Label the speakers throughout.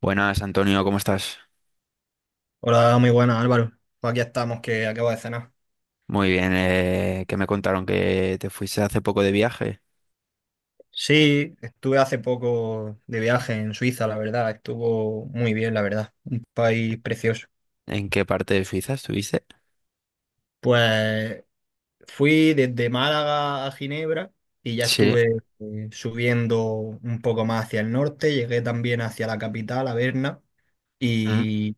Speaker 1: Buenas, Antonio, ¿cómo estás?
Speaker 2: Hola, muy buenas Álvaro. Pues aquí estamos, que acabo de cenar.
Speaker 1: Muy bien, que me contaron que te fuiste hace poco de viaje.
Speaker 2: Sí, estuve hace poco de viaje en Suiza, la verdad. Estuvo muy bien, la verdad. Un país precioso.
Speaker 1: ¿En qué parte de Suiza estuviste?
Speaker 2: Pues fui desde Málaga a Ginebra y ya
Speaker 1: Sí.
Speaker 2: estuve subiendo un poco más hacia el norte. Llegué también hacia la capital, a Berna,
Speaker 1: Mm.
Speaker 2: y,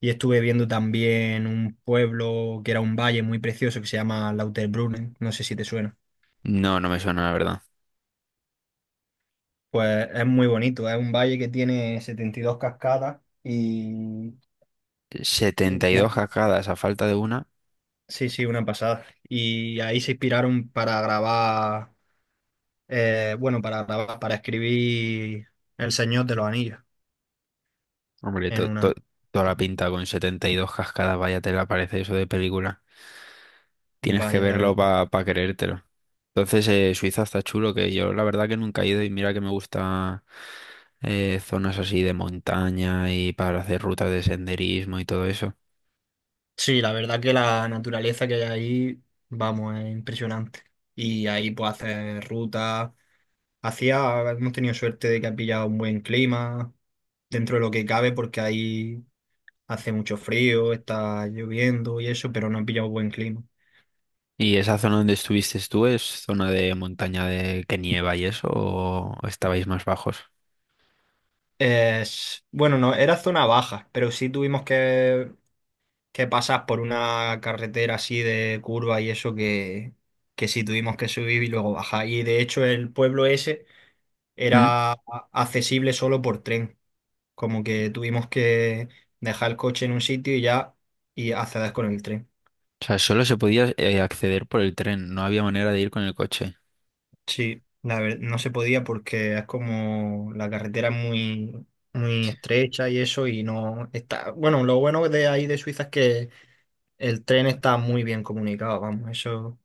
Speaker 2: y estuve viendo también un pueblo que era un valle muy precioso que se llama Lauterbrunnen. No sé si te suena.
Speaker 1: No, no me suena, la verdad.
Speaker 2: Pues es muy bonito, es un valle que tiene 72 cascadas
Speaker 1: Setenta y
Speaker 2: y-
Speaker 1: dos cascadas a falta de una.
Speaker 2: Sí, sí, una pasada. Y ahí se inspiraron para grabar, bueno, para grabar, para escribir El Señor de los Anillos
Speaker 1: Hombre,
Speaker 2: en una...
Speaker 1: toda la pinta con 72 cascadas, vaya te la parece eso de película. Tienes que
Speaker 2: Vaya, la
Speaker 1: verlo
Speaker 2: verdad.
Speaker 1: para creértelo. Entonces, Suiza está chulo, que yo la verdad que nunca he ido y mira que me gusta zonas así de montaña y para hacer rutas de senderismo y todo eso.
Speaker 2: Sí, la verdad que la naturaleza que hay ahí, vamos, es impresionante. Y ahí pues hacer rutas. Hacía, hemos tenido suerte de que ha pillado un buen clima dentro de lo que cabe porque ahí hace mucho frío, está lloviendo y eso, pero no ha pillado buen clima.
Speaker 1: ¿Y esa zona donde estuviste tú es zona de montaña de que nieva y eso o estabais más bajos?
Speaker 2: Es, bueno, no, era zona baja, pero sí tuvimos que pasas por una carretera así de curva y eso que sí tuvimos que subir y luego bajar. Y de hecho el pueblo ese
Speaker 1: Mm.
Speaker 2: era accesible solo por tren. Como que tuvimos que dejar el coche en un sitio y ya y acceder con el tren.
Speaker 1: O sea, solo se podía acceder por el tren, no había manera de ir con el coche.
Speaker 2: Sí, no se podía porque es como la carretera es muy, muy estrecha y eso y no está... Bueno, lo bueno de ahí de Suiza es que el tren está muy bien comunicado, vamos, eso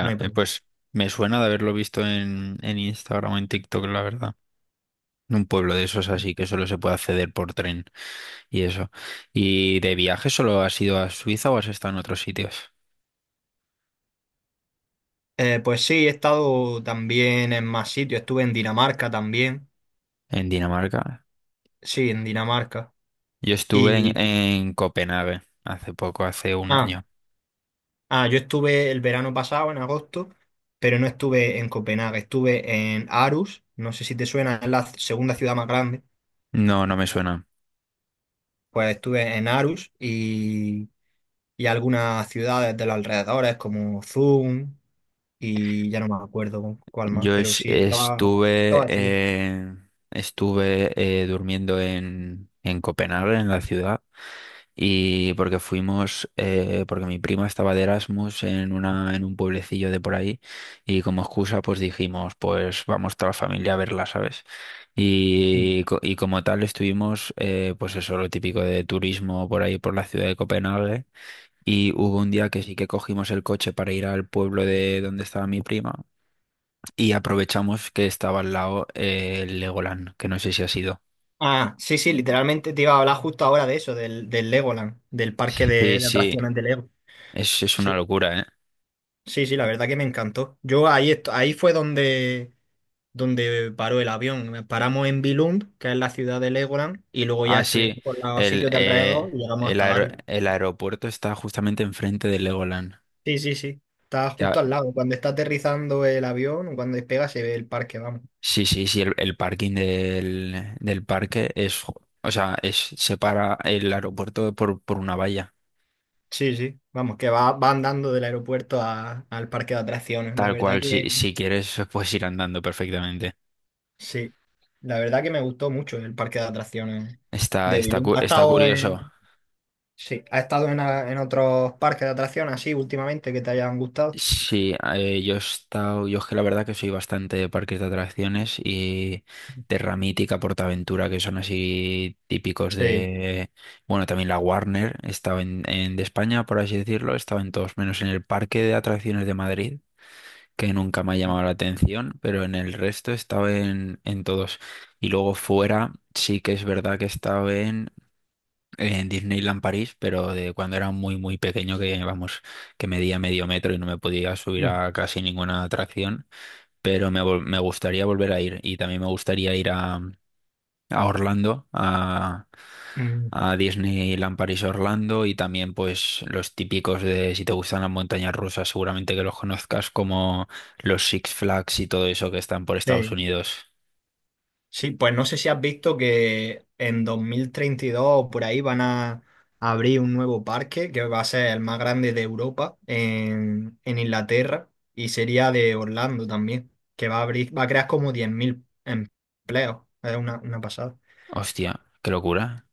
Speaker 2: no hay problema.
Speaker 1: pues me suena de haberlo visto en Instagram o en TikTok, la verdad. Un pueblo de esos así que solo se puede acceder por tren y eso. ¿Y de viaje solo has ido a Suiza o has estado en otros sitios?
Speaker 2: Pues sí, he estado también en más sitios. Estuve en Dinamarca también.
Speaker 1: En Dinamarca.
Speaker 2: Sí, en Dinamarca.
Speaker 1: Yo estuve en,
Speaker 2: Y
Speaker 1: en Copenhague hace poco, hace un
Speaker 2: ah,
Speaker 1: año.
Speaker 2: yo estuve el verano pasado, en agosto, pero no estuve en Copenhague. Estuve en Aarhus. No sé si te suena, es la segunda ciudad más grande.
Speaker 1: No, no me suena.
Speaker 2: Pues estuve en Aarhus y algunas ciudades de los alrededores como Zoom y ya no me acuerdo cuál más,
Speaker 1: Yo
Speaker 2: pero
Speaker 1: es-
Speaker 2: sí,
Speaker 1: estuve,
Speaker 2: estaba chulo.
Speaker 1: eh, estuve eh, durmiendo en Copenhague, en la ciudad, y porque fuimos, porque mi prima estaba de Erasmus en una, en un pueblecillo de por ahí, y como excusa, pues dijimos, pues vamos toda la familia a verla, ¿sabes? Y como tal estuvimos, pues eso, lo típico de turismo por ahí, por la ciudad de Copenhague. Y hubo un día que sí que cogimos el coche para ir al pueblo de donde estaba mi prima y aprovechamos que estaba al lado el Legoland, que no sé si ha sido.
Speaker 2: Ah, sí, sí, literalmente te iba a hablar justo ahora de eso, del Legoland, del parque
Speaker 1: Sí,
Speaker 2: de
Speaker 1: sí,
Speaker 2: atracciones de Lego.
Speaker 1: es
Speaker 2: Sí,
Speaker 1: una locura, ¿eh?
Speaker 2: sí, sí, la verdad que me encantó. Ahí fue donde paró el avión. Paramos en Billund, que es la ciudad de Legoland, y luego ya
Speaker 1: Ah,
Speaker 2: estuvimos
Speaker 1: sí,
Speaker 2: por los
Speaker 1: el,
Speaker 2: sitios de alrededor
Speaker 1: eh,
Speaker 2: y llegamos
Speaker 1: el,
Speaker 2: hasta
Speaker 1: aer-
Speaker 2: Darwin.
Speaker 1: el aeropuerto está justamente enfrente del Legoland.
Speaker 2: Sí, sí, sí, está
Speaker 1: Ya,
Speaker 2: justo al lado. Cuando está aterrizando el avión, o cuando despega, se ve el parque, vamos.
Speaker 1: sí, sí, sí, el parking del parque o sea, separa el aeropuerto por una valla.
Speaker 2: Sí, sí, vamos, que va, va andando del al parque de atracciones. La
Speaker 1: Tal
Speaker 2: verdad.
Speaker 1: cual, si quieres, puedes ir andando perfectamente.
Speaker 2: Sí, la verdad que me gustó mucho el parque de atracciones
Speaker 1: Está,
Speaker 2: de
Speaker 1: está,
Speaker 2: Bilum.
Speaker 1: cu- está curioso.
Speaker 2: Sí, ha estado en otros parques de atracciones así últimamente que te hayan gustado.
Speaker 1: Sí, yo he estado, yo es que la verdad que soy bastante de parques de atracciones y de Ramítica, Portaventura, que son así típicos
Speaker 2: Sí.
Speaker 1: de, bueno, también la Warner, estaba de España, por así decirlo, estaba en todos, menos en el Parque de Atracciones de Madrid, que nunca me ha llamado la atención, pero en el resto estaba en todos. Y luego fuera, sí que es verdad que estaba en Disneyland París, pero de cuando era muy, muy pequeño, que vamos, que medía medio metro y no me podía subir a casi ninguna atracción, pero me gustaría volver a ir y también me gustaría ir a Orlando, a,
Speaker 2: Mm.
Speaker 1: a Disneyland París Orlando y también pues los típicos de si te gustan las montañas rusas, seguramente que los conozcas como los Six Flags y todo eso que están por Estados
Speaker 2: Sí.
Speaker 1: Unidos.
Speaker 2: Sí, pues no sé si has visto que en 2032 o por ahí van a abrir un nuevo parque que va a ser el más grande de Europa en Inglaterra y sería de Orlando también, que va a abrir, va a crear como 10.000 empleos. Es una pasada.
Speaker 1: Hostia, qué locura.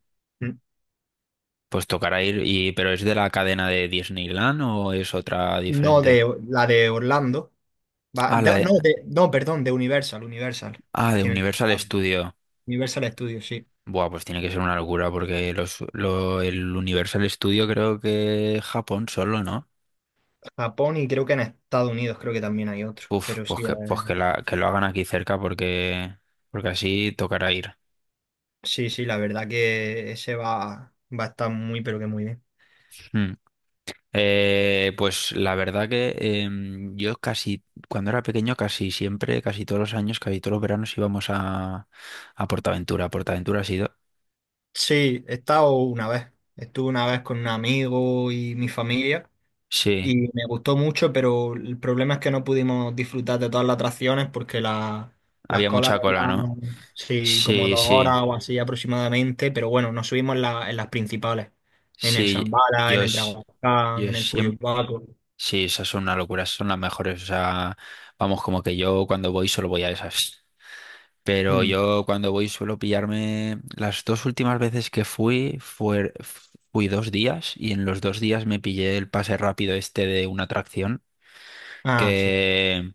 Speaker 1: Pues tocará ir, y, pero ¿es de la cadena de Disneyland o es otra
Speaker 2: No,
Speaker 1: diferente?
Speaker 2: de la de Orlando.
Speaker 1: Ah, la de,
Speaker 2: No, de, no, perdón, de Universal.
Speaker 1: de
Speaker 2: Que me-
Speaker 1: Universal
Speaker 2: ah,
Speaker 1: Studio.
Speaker 2: Universal Studios, sí.
Speaker 1: Buah, pues tiene que ser una locura porque el Universal Studio creo que Japón solo, ¿no?
Speaker 2: Japón y creo que en Estados Unidos creo que también hay otro.
Speaker 1: Uf,
Speaker 2: Pero
Speaker 1: pues
Speaker 2: sí,
Speaker 1: que, pues que, la, que lo hagan aquí cerca porque así tocará ir.
Speaker 2: sí, sí, la verdad que ese va, va a estar muy, pero que muy bien.
Speaker 1: Mm. Pues la verdad que yo casi, cuando era pequeño, casi siempre, casi todos los años, casi todos los veranos íbamos a Portaventura. Portaventura ha sido...
Speaker 2: Sí, he estado una vez. Estuve una vez con un amigo y mi familia.
Speaker 1: Sí.
Speaker 2: Y me gustó mucho, pero el problema es que no pudimos disfrutar de todas las atracciones porque las
Speaker 1: Había
Speaker 2: colas
Speaker 1: mucha cola, ¿no?
Speaker 2: eran, sí, como
Speaker 1: Sí,
Speaker 2: dos
Speaker 1: sí,
Speaker 2: horas o así aproximadamente, pero bueno, nos subimos en las principales, en el
Speaker 1: sí.
Speaker 2: Zambala, en
Speaker 1: Yo,
Speaker 2: el
Speaker 1: s-
Speaker 2: Dragon,
Speaker 1: yo
Speaker 2: en el
Speaker 1: siempre...
Speaker 2: Furiobaco.
Speaker 1: Sí, esas son una locura, esas son las mejores. O sea, vamos, como que yo cuando voy solo voy a esas. Pero
Speaker 2: Mm.
Speaker 1: yo cuando voy suelo pillarme... Las dos últimas veces que fui, fui 2 días y en los 2 días me pillé el pase rápido este de una atracción.
Speaker 2: Ah, sí.
Speaker 1: que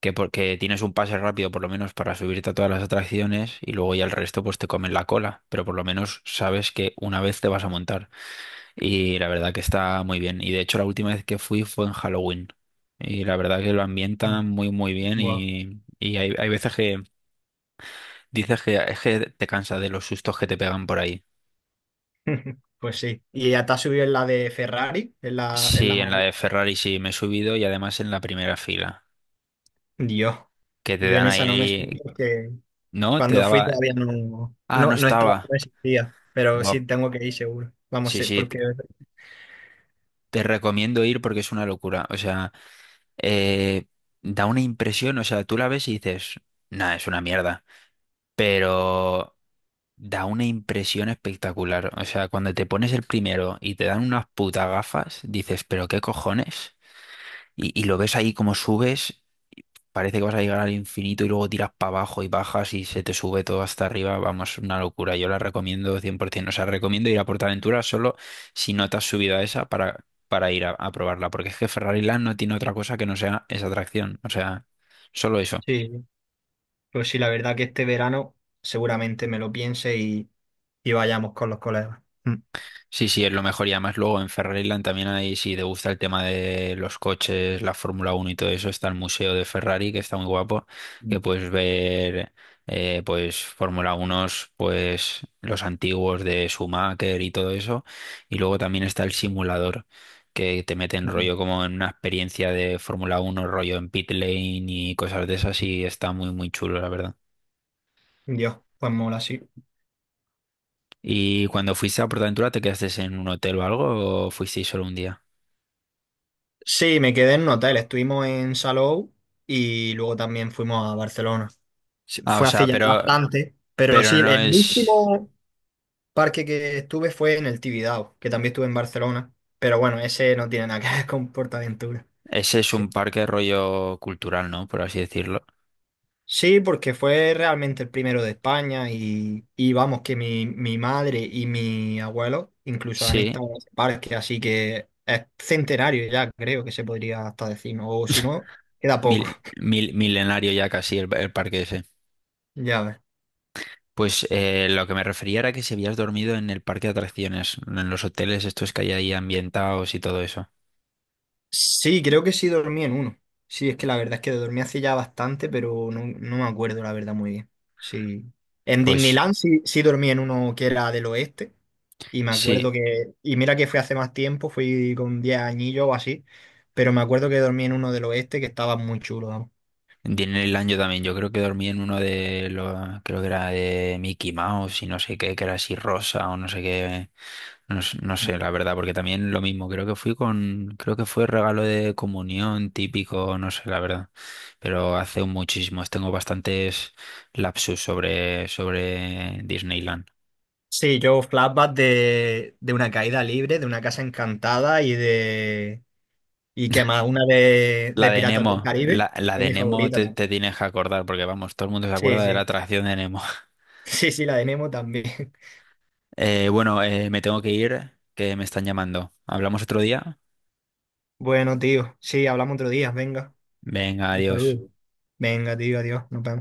Speaker 1: que porque tienes un pase rápido por lo menos para subirte a todas las atracciones y luego ya el resto pues te comen la cola, pero por lo menos sabes que una vez te vas a montar y la verdad que está muy bien y de hecho la última vez que fui fue en Halloween y la verdad que lo
Speaker 2: Mm.
Speaker 1: ambientan muy muy bien
Speaker 2: Guau.
Speaker 1: y hay, veces que dices que es que te cansa de los sustos que te pegan por ahí.
Speaker 2: Pues sí. ¿Y hasta has subido en la de Ferrari? En la
Speaker 1: Sí,
Speaker 2: más-
Speaker 1: en la de Ferrari sí me he subido y además en la primera fila
Speaker 2: Dios,
Speaker 1: que te
Speaker 2: yo
Speaker 1: dan
Speaker 2: en esa no me subí
Speaker 1: ahí,
Speaker 2: porque
Speaker 1: ¿no? Te
Speaker 2: cuando fui
Speaker 1: daba...
Speaker 2: todavía no,
Speaker 1: Ah, no
Speaker 2: no, no estaba,
Speaker 1: estaba.
Speaker 2: no existía, pero
Speaker 1: Buah,
Speaker 2: sí tengo que ir seguro. Vamos,
Speaker 1: sí,
Speaker 2: sí,
Speaker 1: sí,
Speaker 2: porque
Speaker 1: te recomiendo ir porque es una locura. O sea, eh, da una impresión, o sea, tú la ves y dices, nada, es una mierda. Pero da una impresión espectacular. O sea, cuando te pones el primero y te dan unas putas gafas, dices, pero qué cojones. Y lo ves ahí como subes. Parece que vas a llegar al infinito y luego tiras para abajo y bajas y se te sube todo hasta arriba. Vamos, una locura. Yo la recomiendo 100%. O sea, recomiendo ir a PortAventura solo si no te has subido a esa para ir a probarla. Porque es que Ferrari Land no tiene otra cosa que no sea esa atracción. O sea, solo eso.
Speaker 2: sí, sí. Pues sí, la verdad que este verano seguramente me lo piense y vayamos con los colegas. Mm.
Speaker 1: Sí, sí, es lo mejor. Y además luego en Ferrariland también hay, si te gusta el tema de los coches, la Fórmula 1 y todo eso, está el Museo de Ferrari, que está muy guapo, que
Speaker 2: Mm,
Speaker 1: puedes ver pues Fórmula 1, pues los antiguos de Schumacher y todo eso. Y luego también está el simulador, que te mete en
Speaker 2: mm.
Speaker 1: rollo como en una experiencia de Fórmula 1, rollo en pit lane y cosas de esas, y está muy, muy chulo, la verdad.
Speaker 2: Dios, pues mola, sí.
Speaker 1: ¿Y cuando fuiste a PortAventura te quedaste en un hotel o algo o fuisteis solo un día?
Speaker 2: Sí, me quedé en un hotel, estuvimos en Salou y luego también fuimos a Barcelona. Sí,
Speaker 1: Ah, o
Speaker 2: fue hace
Speaker 1: sea,
Speaker 2: ya
Speaker 1: pero,
Speaker 2: bastante, pero
Speaker 1: Pero
Speaker 2: sí,
Speaker 1: no
Speaker 2: el
Speaker 1: es...
Speaker 2: último parque que estuve fue en el Tibidabo, que también estuve en Barcelona, pero bueno, ese no tiene nada que ver con PortAventura.
Speaker 1: Ese es un parque rollo cultural, ¿no? Por así decirlo.
Speaker 2: Sí, porque fue realmente el primero de España y vamos, que mi madre y mi abuelo incluso han
Speaker 1: Sí,
Speaker 2: estado en ese parque, así que es centenario ya, creo que se podría hasta decir, ¿no? O si no, queda poco,
Speaker 1: milenario ya casi el parque ese.
Speaker 2: ya ves.
Speaker 1: Pues lo que me refería era que si habías dormido en el parque de atracciones, en los hoteles estos que hay ahí ambientados y todo eso.
Speaker 2: Sí, creo que sí dormí en uno. Sí, es que la verdad es que dormí hace ya bastante, pero no, no me acuerdo la verdad muy bien. Sí. En
Speaker 1: Pues
Speaker 2: Disneyland sí, sí dormí en uno que era del oeste. Y me
Speaker 1: sí.
Speaker 2: acuerdo que, y mira que fue hace más tiempo, fui con 10 añillos o así, pero me acuerdo que dormí en uno del oeste que estaba muy chulo, vamos.
Speaker 1: En el año también, yo creo que dormí en uno de los, creo que era de Mickey Mouse y no sé qué, que era así rosa o no sé qué, no, no sé, la verdad, porque también lo mismo, creo que fui con, creo que fue regalo de comunión típico, no sé, la verdad, pero hace muchísimos, tengo bastantes lapsus sobre Disneyland.
Speaker 2: Sí, yo flashback de una caída libre, de una casa encantada y de... ¿Y que más? Una
Speaker 1: La
Speaker 2: de
Speaker 1: de
Speaker 2: Piratas del
Speaker 1: Nemo,
Speaker 2: Caribe.
Speaker 1: la
Speaker 2: Fue
Speaker 1: de
Speaker 2: mi
Speaker 1: Nemo
Speaker 2: favorita
Speaker 1: te,
Speaker 2: también.
Speaker 1: te tienes que acordar, porque vamos, todo el mundo se
Speaker 2: Sí,
Speaker 1: acuerda de la
Speaker 2: sí.
Speaker 1: atracción de Nemo.
Speaker 2: Sí, sí, la de Nemo también.
Speaker 1: Bueno, me tengo que ir, que me están llamando. ¿Hablamos otro día?
Speaker 2: Bueno, tío, sí, hablamos otro día, venga.
Speaker 1: Venga,
Speaker 2: Un
Speaker 1: adiós.
Speaker 2: saludo. Venga, tío, adiós, nos vemos.